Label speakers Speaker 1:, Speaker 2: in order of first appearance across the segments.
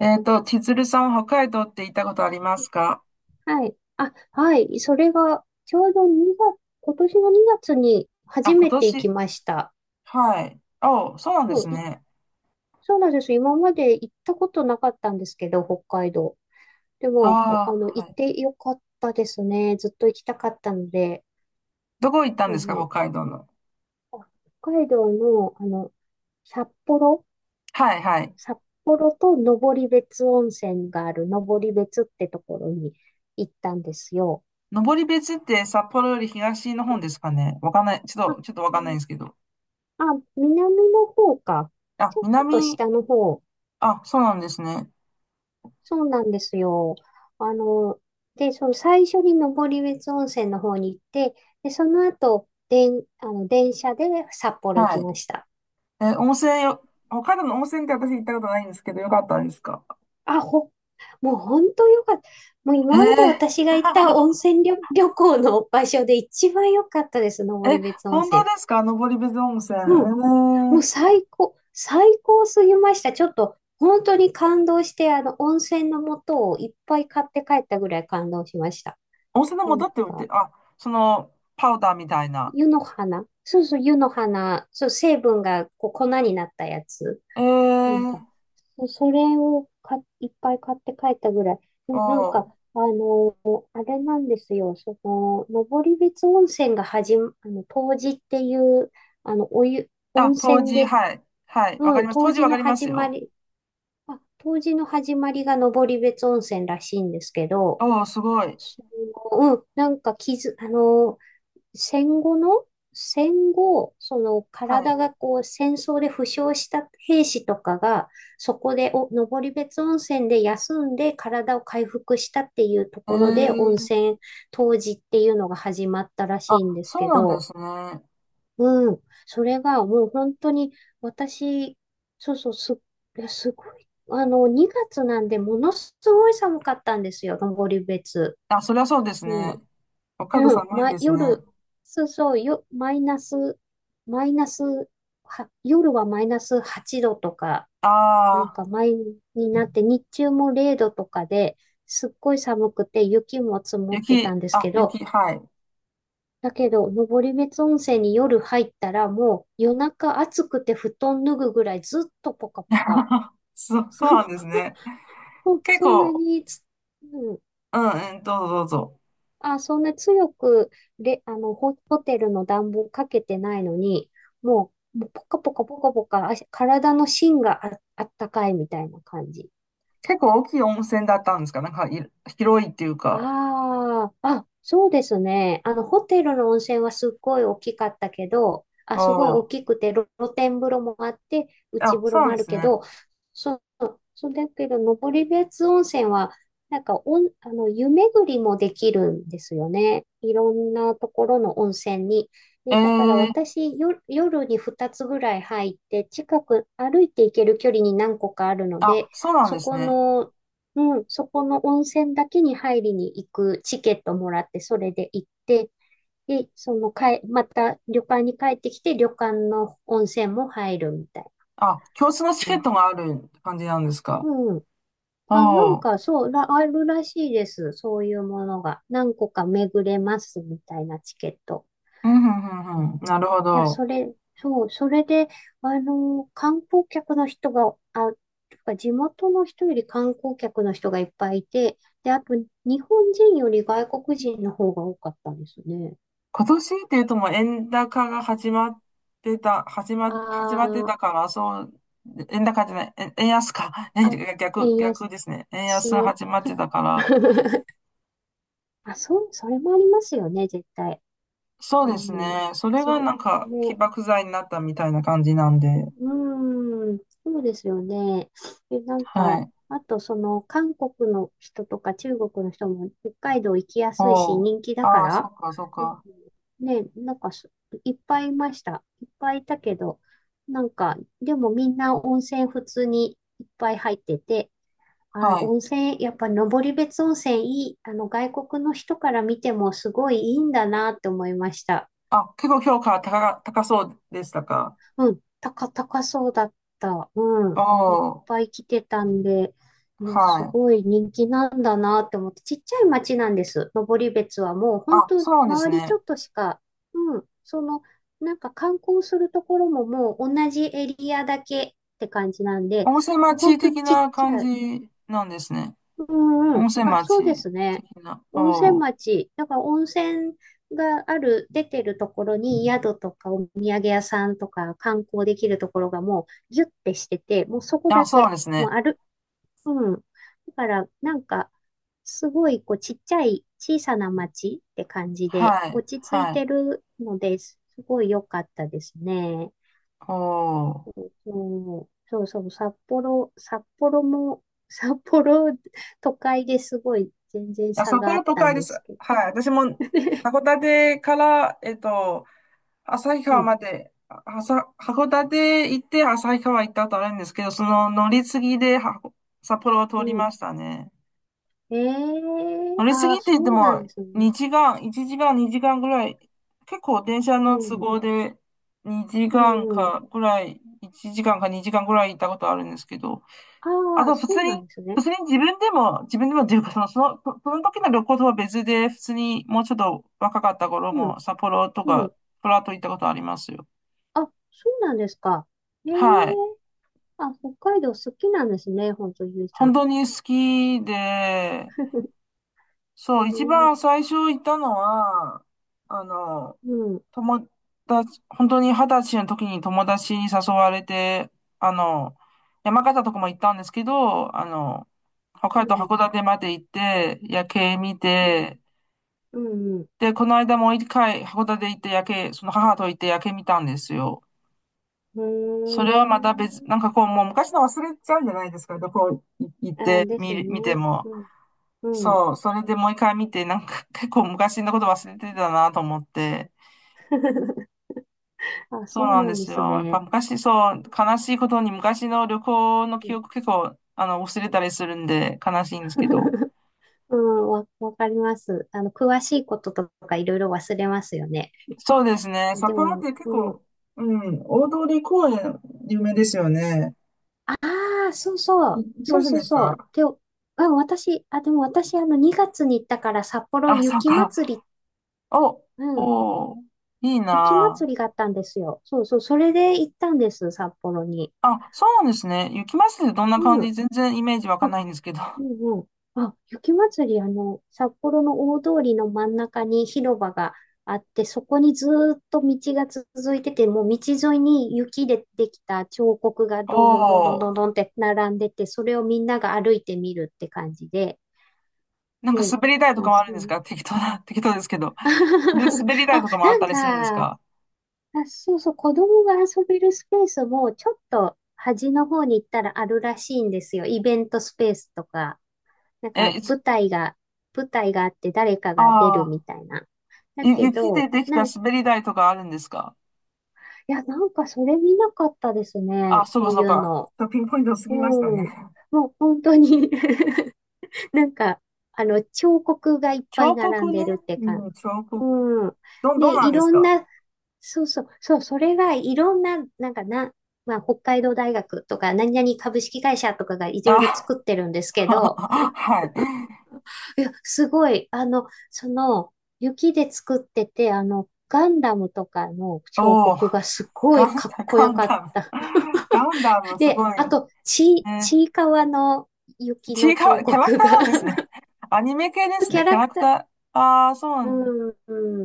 Speaker 1: 千鶴さんは北海道って行ったことありますか？
Speaker 2: はい。あ、はい。それが、ちょうど2月、今年の2月に
Speaker 1: あ、
Speaker 2: 初
Speaker 1: 今
Speaker 2: めて行き
Speaker 1: 年。
Speaker 2: ました。
Speaker 1: はい。お、そうなんで
Speaker 2: そ
Speaker 1: す
Speaker 2: う、い
Speaker 1: ね。
Speaker 2: そうなんです。今まで行ったことなかったんですけど、北海道。でも、
Speaker 1: ああ、
Speaker 2: 行
Speaker 1: は
Speaker 2: っ
Speaker 1: い。
Speaker 2: てよかったですね。ずっと行きたかったので、
Speaker 1: どこ行ったん
Speaker 2: も
Speaker 1: ですか、北
Speaker 2: う
Speaker 1: 海道の。
Speaker 2: あ北海道の、札幌、
Speaker 1: はいはい。
Speaker 2: 札幌と登別温泉がある登別ってところに行ったんですよ。
Speaker 1: 登別って札幌より東の方ですかね。わかんない。ちょっ
Speaker 2: あ、
Speaker 1: と、ちょっとわかんないん
Speaker 2: ね
Speaker 1: ですけど。
Speaker 2: あ、南の方か。
Speaker 1: あ、
Speaker 2: ちょっと
Speaker 1: 南、
Speaker 2: 下の方。
Speaker 1: あ、そうなんですね。
Speaker 2: そうなんですよ。あの、その最初に登別温泉の方に行って、で、その後、でんあの、電車で札幌行
Speaker 1: は
Speaker 2: き
Speaker 1: い。
Speaker 2: ました。
Speaker 1: え、温泉よ、北海道の温泉って私行ったことないんですけど、よかったですか？
Speaker 2: あ、ほ、もう本当よかった。もう
Speaker 1: え
Speaker 2: 今まで
Speaker 1: ー、
Speaker 2: 私が行った温 泉旅、旅行の場所で一番良かったです、
Speaker 1: え、
Speaker 2: 登別温
Speaker 1: 本当で
Speaker 2: 泉。
Speaker 1: すか登別温泉。え
Speaker 2: うん。もう
Speaker 1: ー、
Speaker 2: 最高すぎました。ちょっと本当に感動して、温泉の素をいっぱい買って帰ったぐらい感動しました。
Speaker 1: 温泉の
Speaker 2: なん
Speaker 1: 素って売って、
Speaker 2: か、
Speaker 1: あ、その、パウダーみたいな。
Speaker 2: 湯の花。そうそう、湯の花。そう、成分がこう粉になったやつ。
Speaker 1: え
Speaker 2: なん
Speaker 1: ー、
Speaker 2: か、それをいっぱい買って帰ったぐらい。で
Speaker 1: お
Speaker 2: もなんか、
Speaker 1: ー、
Speaker 2: あの、あれなんですよ。その、登別温泉が始ま、あの、冬至っていう、
Speaker 1: あ、
Speaker 2: 温
Speaker 1: 当
Speaker 2: 泉
Speaker 1: 時、
Speaker 2: で、
Speaker 1: はい、はい、わか
Speaker 2: う
Speaker 1: り
Speaker 2: ん、
Speaker 1: ます。
Speaker 2: 冬
Speaker 1: 当時
Speaker 2: 至
Speaker 1: わか
Speaker 2: の
Speaker 1: ります
Speaker 2: 始ま
Speaker 1: よ。
Speaker 2: り、冬至の始まりが登別温泉らしいんですけど、
Speaker 1: おー、すごい。
Speaker 2: その、うん、なんか傷、あの、戦後の、戦後、その
Speaker 1: は
Speaker 2: 体
Speaker 1: い。
Speaker 2: がこう戦争で負傷した兵士とかが、そこでお登別温泉で休んで体を回復したっていうと
Speaker 1: え
Speaker 2: ころで
Speaker 1: ー、
Speaker 2: 冬至っていうのが始まったらし
Speaker 1: あ、
Speaker 2: いんです
Speaker 1: そう
Speaker 2: け
Speaker 1: なんで
Speaker 2: ど、
Speaker 1: すね。
Speaker 2: うん。それがもう本当に私、そうそう、す、いやすごい。あの、2月なんでものすごい寒かったんですよ、登別。
Speaker 1: あ、そりゃそうですね。
Speaker 2: も
Speaker 1: 北
Speaker 2: う、
Speaker 1: 海道
Speaker 2: うん
Speaker 1: 寒い
Speaker 2: ま、
Speaker 1: ですね。
Speaker 2: 夜、そうそう、よ、マイナス、マイナス、は、夜はマイナス8度とか、なん
Speaker 1: ああ
Speaker 2: かマイになって、日中も0度とかで、すっごい寒くて雪も積もってた
Speaker 1: 雪、
Speaker 2: んです
Speaker 1: あ、
Speaker 2: けど、
Speaker 1: 雪、はい。
Speaker 2: だけど、登別温泉に夜入ったら、もう夜中暑くて布団脱ぐぐらいずっとポカポカ。
Speaker 1: そう、そうなんですね。
Speaker 2: うん、
Speaker 1: 結
Speaker 2: そんな
Speaker 1: 構、
Speaker 2: につ、うん、
Speaker 1: うん、うん、どうぞどうぞ。
Speaker 2: あ、そんな強く、レあの、ホ、ホテルの暖房かけてないのに、もうポカポカポカポカ、体の芯があったかいみたいな感じ。
Speaker 1: 結構大きい温泉だったんですか、なんかい、広いっていうか。
Speaker 2: そうですね。あの、ホテルの温泉はすっごい大きかったけど、あ、
Speaker 1: お
Speaker 2: すごい大
Speaker 1: ー、
Speaker 2: きくて、露天風呂もあって、内
Speaker 1: あ、
Speaker 2: 風
Speaker 1: そ
Speaker 2: 呂
Speaker 1: うな
Speaker 2: も
Speaker 1: ん
Speaker 2: あ
Speaker 1: で
Speaker 2: る
Speaker 1: す
Speaker 2: け
Speaker 1: ね。
Speaker 2: ど、そうだけど、登別温泉は、なんかおん、あの、湯巡りもできるんですよね。いろんなところの温泉に。で、だから
Speaker 1: ええ、
Speaker 2: 私、よ、夜に2つぐらい入って、近く歩いて行ける距離に何個かあるの
Speaker 1: あ、
Speaker 2: で、
Speaker 1: そうなん
Speaker 2: そ
Speaker 1: です
Speaker 2: こ
Speaker 1: ね。
Speaker 2: の、うん、そこの温泉だけに入りに行くチケットもらって、それで行って、で、そのかえ、また旅館に帰ってきて、旅館の温泉も入るみたいな
Speaker 1: あ、共通のチケッ
Speaker 2: 感
Speaker 1: ト
Speaker 2: じ。
Speaker 1: がある感じなんですか。
Speaker 2: うん。
Speaker 1: おおー、
Speaker 2: あるらしいです。そういうものが。何個か巡れますみたいなチケット。
Speaker 1: うん、うん、
Speaker 2: い
Speaker 1: う
Speaker 2: や、
Speaker 1: ん、うん。
Speaker 2: うん
Speaker 1: なるほど。
Speaker 2: それで、あの、観光客の人が、あ、とか地元の人より観光客の人がいっぱいいて、で、あと、日本人より外国人の方が多かったんですね。
Speaker 1: 今年っていうともう円高が始まってた、始ま、始まって
Speaker 2: あ
Speaker 1: たから、そう、円高じゃない、円安か。
Speaker 2: あ、あ、
Speaker 1: ね逆、
Speaker 2: 円
Speaker 1: 逆
Speaker 2: 安。
Speaker 1: ですね。円安が始まってたから、
Speaker 2: あ、そう、それもありますよね、絶対。
Speaker 1: そ
Speaker 2: あ
Speaker 1: うです
Speaker 2: の、
Speaker 1: ね。それ
Speaker 2: そ
Speaker 1: が
Speaker 2: れ、
Speaker 1: なんか起
Speaker 2: ね。
Speaker 1: 爆剤になったみたいな感じなんで。
Speaker 2: うーん、そうですよね。え、なん
Speaker 1: は
Speaker 2: か、
Speaker 1: い。
Speaker 2: あとその韓国の人とか中国の人も北海道行きや
Speaker 1: お
Speaker 2: すいし
Speaker 1: お、
Speaker 2: 人気だか
Speaker 1: ああ、そ
Speaker 2: ら、
Speaker 1: っか、そっ
Speaker 2: うん。
Speaker 1: か。
Speaker 2: ね、なんかそいっぱいいました。いっぱいいたけど、なんか、でもみんな温泉普通にいっぱい入ってて、
Speaker 1: はい。
Speaker 2: やっぱ登別温泉いい、あの外国の人から見てもすごいいいんだなって思いました。
Speaker 1: あ、結構評価高か、高そうでしたか。
Speaker 2: 高そうだった。う
Speaker 1: お
Speaker 2: ん。いっ
Speaker 1: ー、
Speaker 2: ぱい来てたんで、いや、
Speaker 1: は
Speaker 2: す
Speaker 1: い。
Speaker 2: ごい人気なんだなって思って、ちっちゃい町なんです。登別はもう、本
Speaker 1: あ、
Speaker 2: 当
Speaker 1: そうなんです
Speaker 2: 周りち
Speaker 1: ね。
Speaker 2: ょっとしか、うん、その、観光するところももう同じエリアだけって感じなんで、
Speaker 1: 温泉
Speaker 2: もう
Speaker 1: 町
Speaker 2: 本当に
Speaker 1: 的
Speaker 2: ちっ
Speaker 1: な
Speaker 2: ち
Speaker 1: 感
Speaker 2: ゃい、
Speaker 1: じなんですね。
Speaker 2: う
Speaker 1: 温泉
Speaker 2: そうで
Speaker 1: 町
Speaker 2: すね。
Speaker 1: 的な。
Speaker 2: 温泉
Speaker 1: おー。
Speaker 2: 町。だから温泉がある、出てるところに宿とかお土産屋さんとか観光できるところがもうギュッてしてて、
Speaker 1: あ、そうなんです
Speaker 2: もう
Speaker 1: ね。
Speaker 2: ある。うん。だからなんか、すごいこうちっちゃい小さな町って感じで
Speaker 1: はい、
Speaker 2: 落ち着い
Speaker 1: は
Speaker 2: て
Speaker 1: い。
Speaker 2: るのです、すごい良かったですね。
Speaker 1: おー。
Speaker 2: そう、そうそう、札幌、札幌も、札幌、都会ですごい全然
Speaker 1: あ、
Speaker 2: 差
Speaker 1: 札
Speaker 2: があ
Speaker 1: 幌
Speaker 2: っ
Speaker 1: 都
Speaker 2: たん
Speaker 1: 会で
Speaker 2: で
Speaker 1: す。
Speaker 2: すけど。
Speaker 1: はい。私も、函館から、旭
Speaker 2: う
Speaker 1: 川
Speaker 2: ん、
Speaker 1: まで、あはさ、函館行って旭川行ったことあるんですけど、その乗り継ぎでは札幌を通
Speaker 2: う
Speaker 1: り
Speaker 2: ん。
Speaker 1: ましたね。
Speaker 2: ええ
Speaker 1: 乗りす
Speaker 2: あ
Speaker 1: ぎ
Speaker 2: あ、
Speaker 1: って言って
Speaker 2: そうなん
Speaker 1: も、
Speaker 2: ですね。
Speaker 1: 2時間、1時間、2時間ぐらい、結構電車
Speaker 2: う
Speaker 1: の都
Speaker 2: ん、
Speaker 1: 合で2
Speaker 2: う
Speaker 1: 時間
Speaker 2: ん。
Speaker 1: かぐらい、1時間か2時間ぐらい行ったことあるんですけど、あ
Speaker 2: ああ、
Speaker 1: と普
Speaker 2: そ
Speaker 1: 通
Speaker 2: うな
Speaker 1: に、
Speaker 2: んです
Speaker 1: 普
Speaker 2: ね。
Speaker 1: 通に自分でも、自分でもっていうか、その、その時の旅行とは別で、普通にもうちょっと若かった頃
Speaker 2: うん、
Speaker 1: も、札幌と
Speaker 2: う
Speaker 1: か、
Speaker 2: ん。
Speaker 1: プラート行ったことありますよ。
Speaker 2: あ、そうなんですか。ええ
Speaker 1: はい。
Speaker 2: あ、北海道好きなんですね、本当ゆいさ
Speaker 1: 本
Speaker 2: ん。
Speaker 1: 当に好きで、そ
Speaker 2: え
Speaker 1: う、一番
Speaker 2: え
Speaker 1: 最初行ったのは、あの、
Speaker 2: うん、
Speaker 1: 友達、本当に二十歳の時に友達に誘われて、あの、山形とかも行ったんですけど、北
Speaker 2: う
Speaker 1: 海道
Speaker 2: ん、
Speaker 1: 函館まで行って、夜景見て、
Speaker 2: うん、うん、
Speaker 1: で、この間もう一回函館行って夜景、その母と行って夜景見たんですよ。
Speaker 2: う
Speaker 1: それ
Speaker 2: ん。
Speaker 1: はまた別、
Speaker 2: うーん。
Speaker 1: なんかこう、もう昔の忘れちゃうんじゃないですか、どこ行っ
Speaker 2: あ、
Speaker 1: て
Speaker 2: です
Speaker 1: 見る、見て
Speaker 2: ね。
Speaker 1: も。
Speaker 2: うん、うん。
Speaker 1: そう、それでもう一回見て、なんか 結構昔のこと忘れてたなと思って、
Speaker 2: あ、
Speaker 1: そ
Speaker 2: そ
Speaker 1: う
Speaker 2: う
Speaker 1: なん
Speaker 2: な
Speaker 1: で
Speaker 2: んで
Speaker 1: す
Speaker 2: す
Speaker 1: よ。やっぱ
Speaker 2: ね。
Speaker 1: 昔、そう、悲しいことに昔の旅行の記憶結構、忘れたりするんで悲しいんですけど。
Speaker 2: わかります。あの、詳しいこととかいろいろ忘れますよね。
Speaker 1: そうですね。札
Speaker 2: で
Speaker 1: 幌っ
Speaker 2: も、
Speaker 1: て結
Speaker 2: うん、あ
Speaker 1: 構、うん、大通公園有名ですよね。
Speaker 2: あ、そうそ
Speaker 1: い
Speaker 2: う、
Speaker 1: 行き
Speaker 2: そ
Speaker 1: ま
Speaker 2: う
Speaker 1: せん
Speaker 2: そう
Speaker 1: でし
Speaker 2: そ
Speaker 1: た？
Speaker 2: う。で、うん、私、あ、でも私、あの、2月に行ったから札幌
Speaker 1: あ、そう
Speaker 2: 雪ま
Speaker 1: か。
Speaker 2: つり、
Speaker 1: お、
Speaker 2: うん、
Speaker 1: おー、いい
Speaker 2: 雪まつ
Speaker 1: な
Speaker 2: りがあったんですよ。そうそう、それで行ったんです、札幌に。
Speaker 1: あ。あ、そうなんですね。雪まつりってどんな
Speaker 2: う
Speaker 1: 感じ、
Speaker 2: ん。
Speaker 1: 全然イメージわかんないんですけど。
Speaker 2: うんうん。あ、雪まつり、あの、札幌の大通りの真ん中に広場があって、そこにずーっと道が続いてて、もう道沿いに雪でできた彫刻が
Speaker 1: お
Speaker 2: どんどんどんどんどん
Speaker 1: ー、
Speaker 2: どんって並んでて、それをみんなが歩いてみるって感じで。
Speaker 1: なんか
Speaker 2: で、
Speaker 1: 滑り台と
Speaker 2: ま
Speaker 1: か
Speaker 2: あ、
Speaker 1: もある
Speaker 2: そ
Speaker 1: ん
Speaker 2: う
Speaker 1: です
Speaker 2: ね。
Speaker 1: か、適当な、適当ですけど。滑り台
Speaker 2: あ、
Speaker 1: とかもあ
Speaker 2: な
Speaker 1: っ
Speaker 2: ん
Speaker 1: たりするんです
Speaker 2: か、
Speaker 1: か？
Speaker 2: そうそう、子供が遊べるスペースもちょっと端の方に行ったらあるらしいんですよ。イベントスペースとか。なんか
Speaker 1: え、
Speaker 2: 舞台が、舞台があって誰かが出る
Speaker 1: あ
Speaker 2: み
Speaker 1: あ、
Speaker 2: たいな。だ
Speaker 1: ゆ、
Speaker 2: け
Speaker 1: 雪で
Speaker 2: ど、
Speaker 1: でき
Speaker 2: な
Speaker 1: た
Speaker 2: ん、い
Speaker 1: 滑り台とかあるんですか？
Speaker 2: や、なんかそれ見なかったですね。
Speaker 1: あ、そう
Speaker 2: そ
Speaker 1: か
Speaker 2: う
Speaker 1: そ
Speaker 2: い
Speaker 1: う
Speaker 2: う
Speaker 1: か。
Speaker 2: の。
Speaker 1: ちょっとピンポイント過
Speaker 2: うん。
Speaker 1: ぎましたね。
Speaker 2: もう本当に なんか、彫刻がいっぱい
Speaker 1: 彫
Speaker 2: 並ん
Speaker 1: 刻ね。
Speaker 2: でるって
Speaker 1: う
Speaker 2: 感じ。
Speaker 1: ん、彫刻。
Speaker 2: うん。
Speaker 1: ど、どう
Speaker 2: で、
Speaker 1: な
Speaker 2: い
Speaker 1: んです
Speaker 2: ろん
Speaker 1: か？
Speaker 2: な、そうそう、そう、それがいろんな、まあ、北海道大学とか、何々株式会社とかがいろいろ
Speaker 1: あ、
Speaker 2: 作ってるんです けど、
Speaker 1: はい。
Speaker 2: いや、すごい。雪で作ってて、あの、ガンダムとかの彫
Speaker 1: おお
Speaker 2: 刻がすご
Speaker 1: ガ
Speaker 2: い
Speaker 1: ン
Speaker 2: かっ
Speaker 1: ダ、
Speaker 2: こ
Speaker 1: ガ
Speaker 2: よ
Speaker 1: ン
Speaker 2: かっ
Speaker 1: ダム。
Speaker 2: た。
Speaker 1: ガンダム、すご
Speaker 2: で、あ
Speaker 1: い。
Speaker 2: と、ち、
Speaker 1: ね。
Speaker 2: ちいかわの雪
Speaker 1: ち
Speaker 2: の
Speaker 1: いか
Speaker 2: 彫
Speaker 1: わ、キャラク
Speaker 2: 刻
Speaker 1: ター
Speaker 2: が
Speaker 1: なんですね。アニメ系です
Speaker 2: キ
Speaker 1: ね。
Speaker 2: ャ
Speaker 1: キ
Speaker 2: ラ
Speaker 1: ャラ
Speaker 2: ク
Speaker 1: ク
Speaker 2: ター、
Speaker 1: タ ー。ああ、そうな
Speaker 2: う
Speaker 1: んだ。
Speaker 2: ん、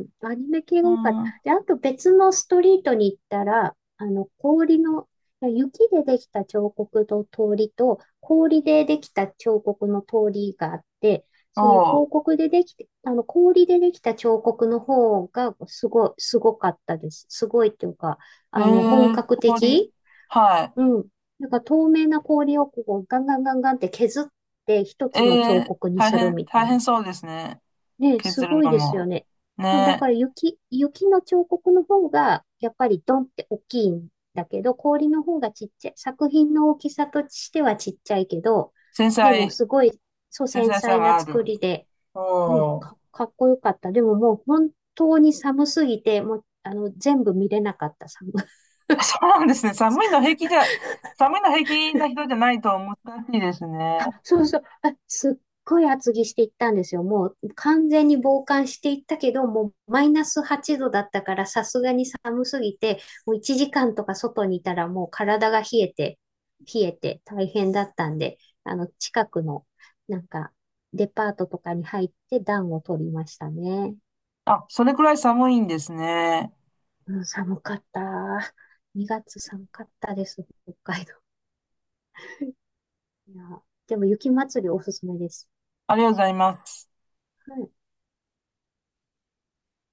Speaker 2: うんアニメ系
Speaker 1: う
Speaker 2: が多かった。
Speaker 1: ん。
Speaker 2: で、あと別のストリートに行ったら、あの、氷の、いや雪でできた彫刻の通りと、氷でできた彫刻の通りがあって、その
Speaker 1: お
Speaker 2: 広告でできて、あの、氷でできた彫刻の方がすごい、すごかったです。すごいっていうか、
Speaker 1: お
Speaker 2: あの、本
Speaker 1: えー、
Speaker 2: 格
Speaker 1: 氷。
Speaker 2: 的。
Speaker 1: は
Speaker 2: うん。なんか透明な氷をこうガンガンガンガンって削って一
Speaker 1: い。
Speaker 2: つの
Speaker 1: え
Speaker 2: 彫
Speaker 1: ー、
Speaker 2: 刻に
Speaker 1: 大
Speaker 2: する
Speaker 1: 変、
Speaker 2: みた
Speaker 1: 大
Speaker 2: い
Speaker 1: 変
Speaker 2: な。
Speaker 1: そうですね。
Speaker 2: ね、す
Speaker 1: 削る
Speaker 2: ごい
Speaker 1: の
Speaker 2: ですよ
Speaker 1: も、
Speaker 2: ね。そう、だか
Speaker 1: ね、
Speaker 2: ら雪、雪の彫刻の方が、やっぱりドンって大きいんだけど、氷の方がちっちゃい。作品の大きさとしてはちっちゃいけど、
Speaker 1: 繊
Speaker 2: でも
Speaker 1: 細、
Speaker 2: すごい、そう、
Speaker 1: 繊
Speaker 2: 繊
Speaker 1: 細さ
Speaker 2: 細
Speaker 1: が
Speaker 2: な
Speaker 1: ある。
Speaker 2: 作りで、
Speaker 1: おー。
Speaker 2: かっこよかった。でももう本当に寒すぎて、もう、あの、全部見れなかった、寒、
Speaker 1: そうなんですね。寒いの平気じゃ、寒いの平気な人じゃないと難しいです
Speaker 2: あ、
Speaker 1: ね。
Speaker 2: そうそう。あ、すっごい厚着していったんですよ。もう完全に防寒していったけど、もうマイナス8度だったから、さすがに寒すぎて、もう1時間とか外にいたらもう体が冷えて、冷えて大変だったんで、あの、近くの、なんか、デパートとかに入って暖を取りましたね。
Speaker 1: あ、それくらい寒いんですね。
Speaker 2: うん、寒かった。2月寒かったです、北海道。いや、でも雪祭りおすすめです。
Speaker 1: ありがとうございます。
Speaker 2: はい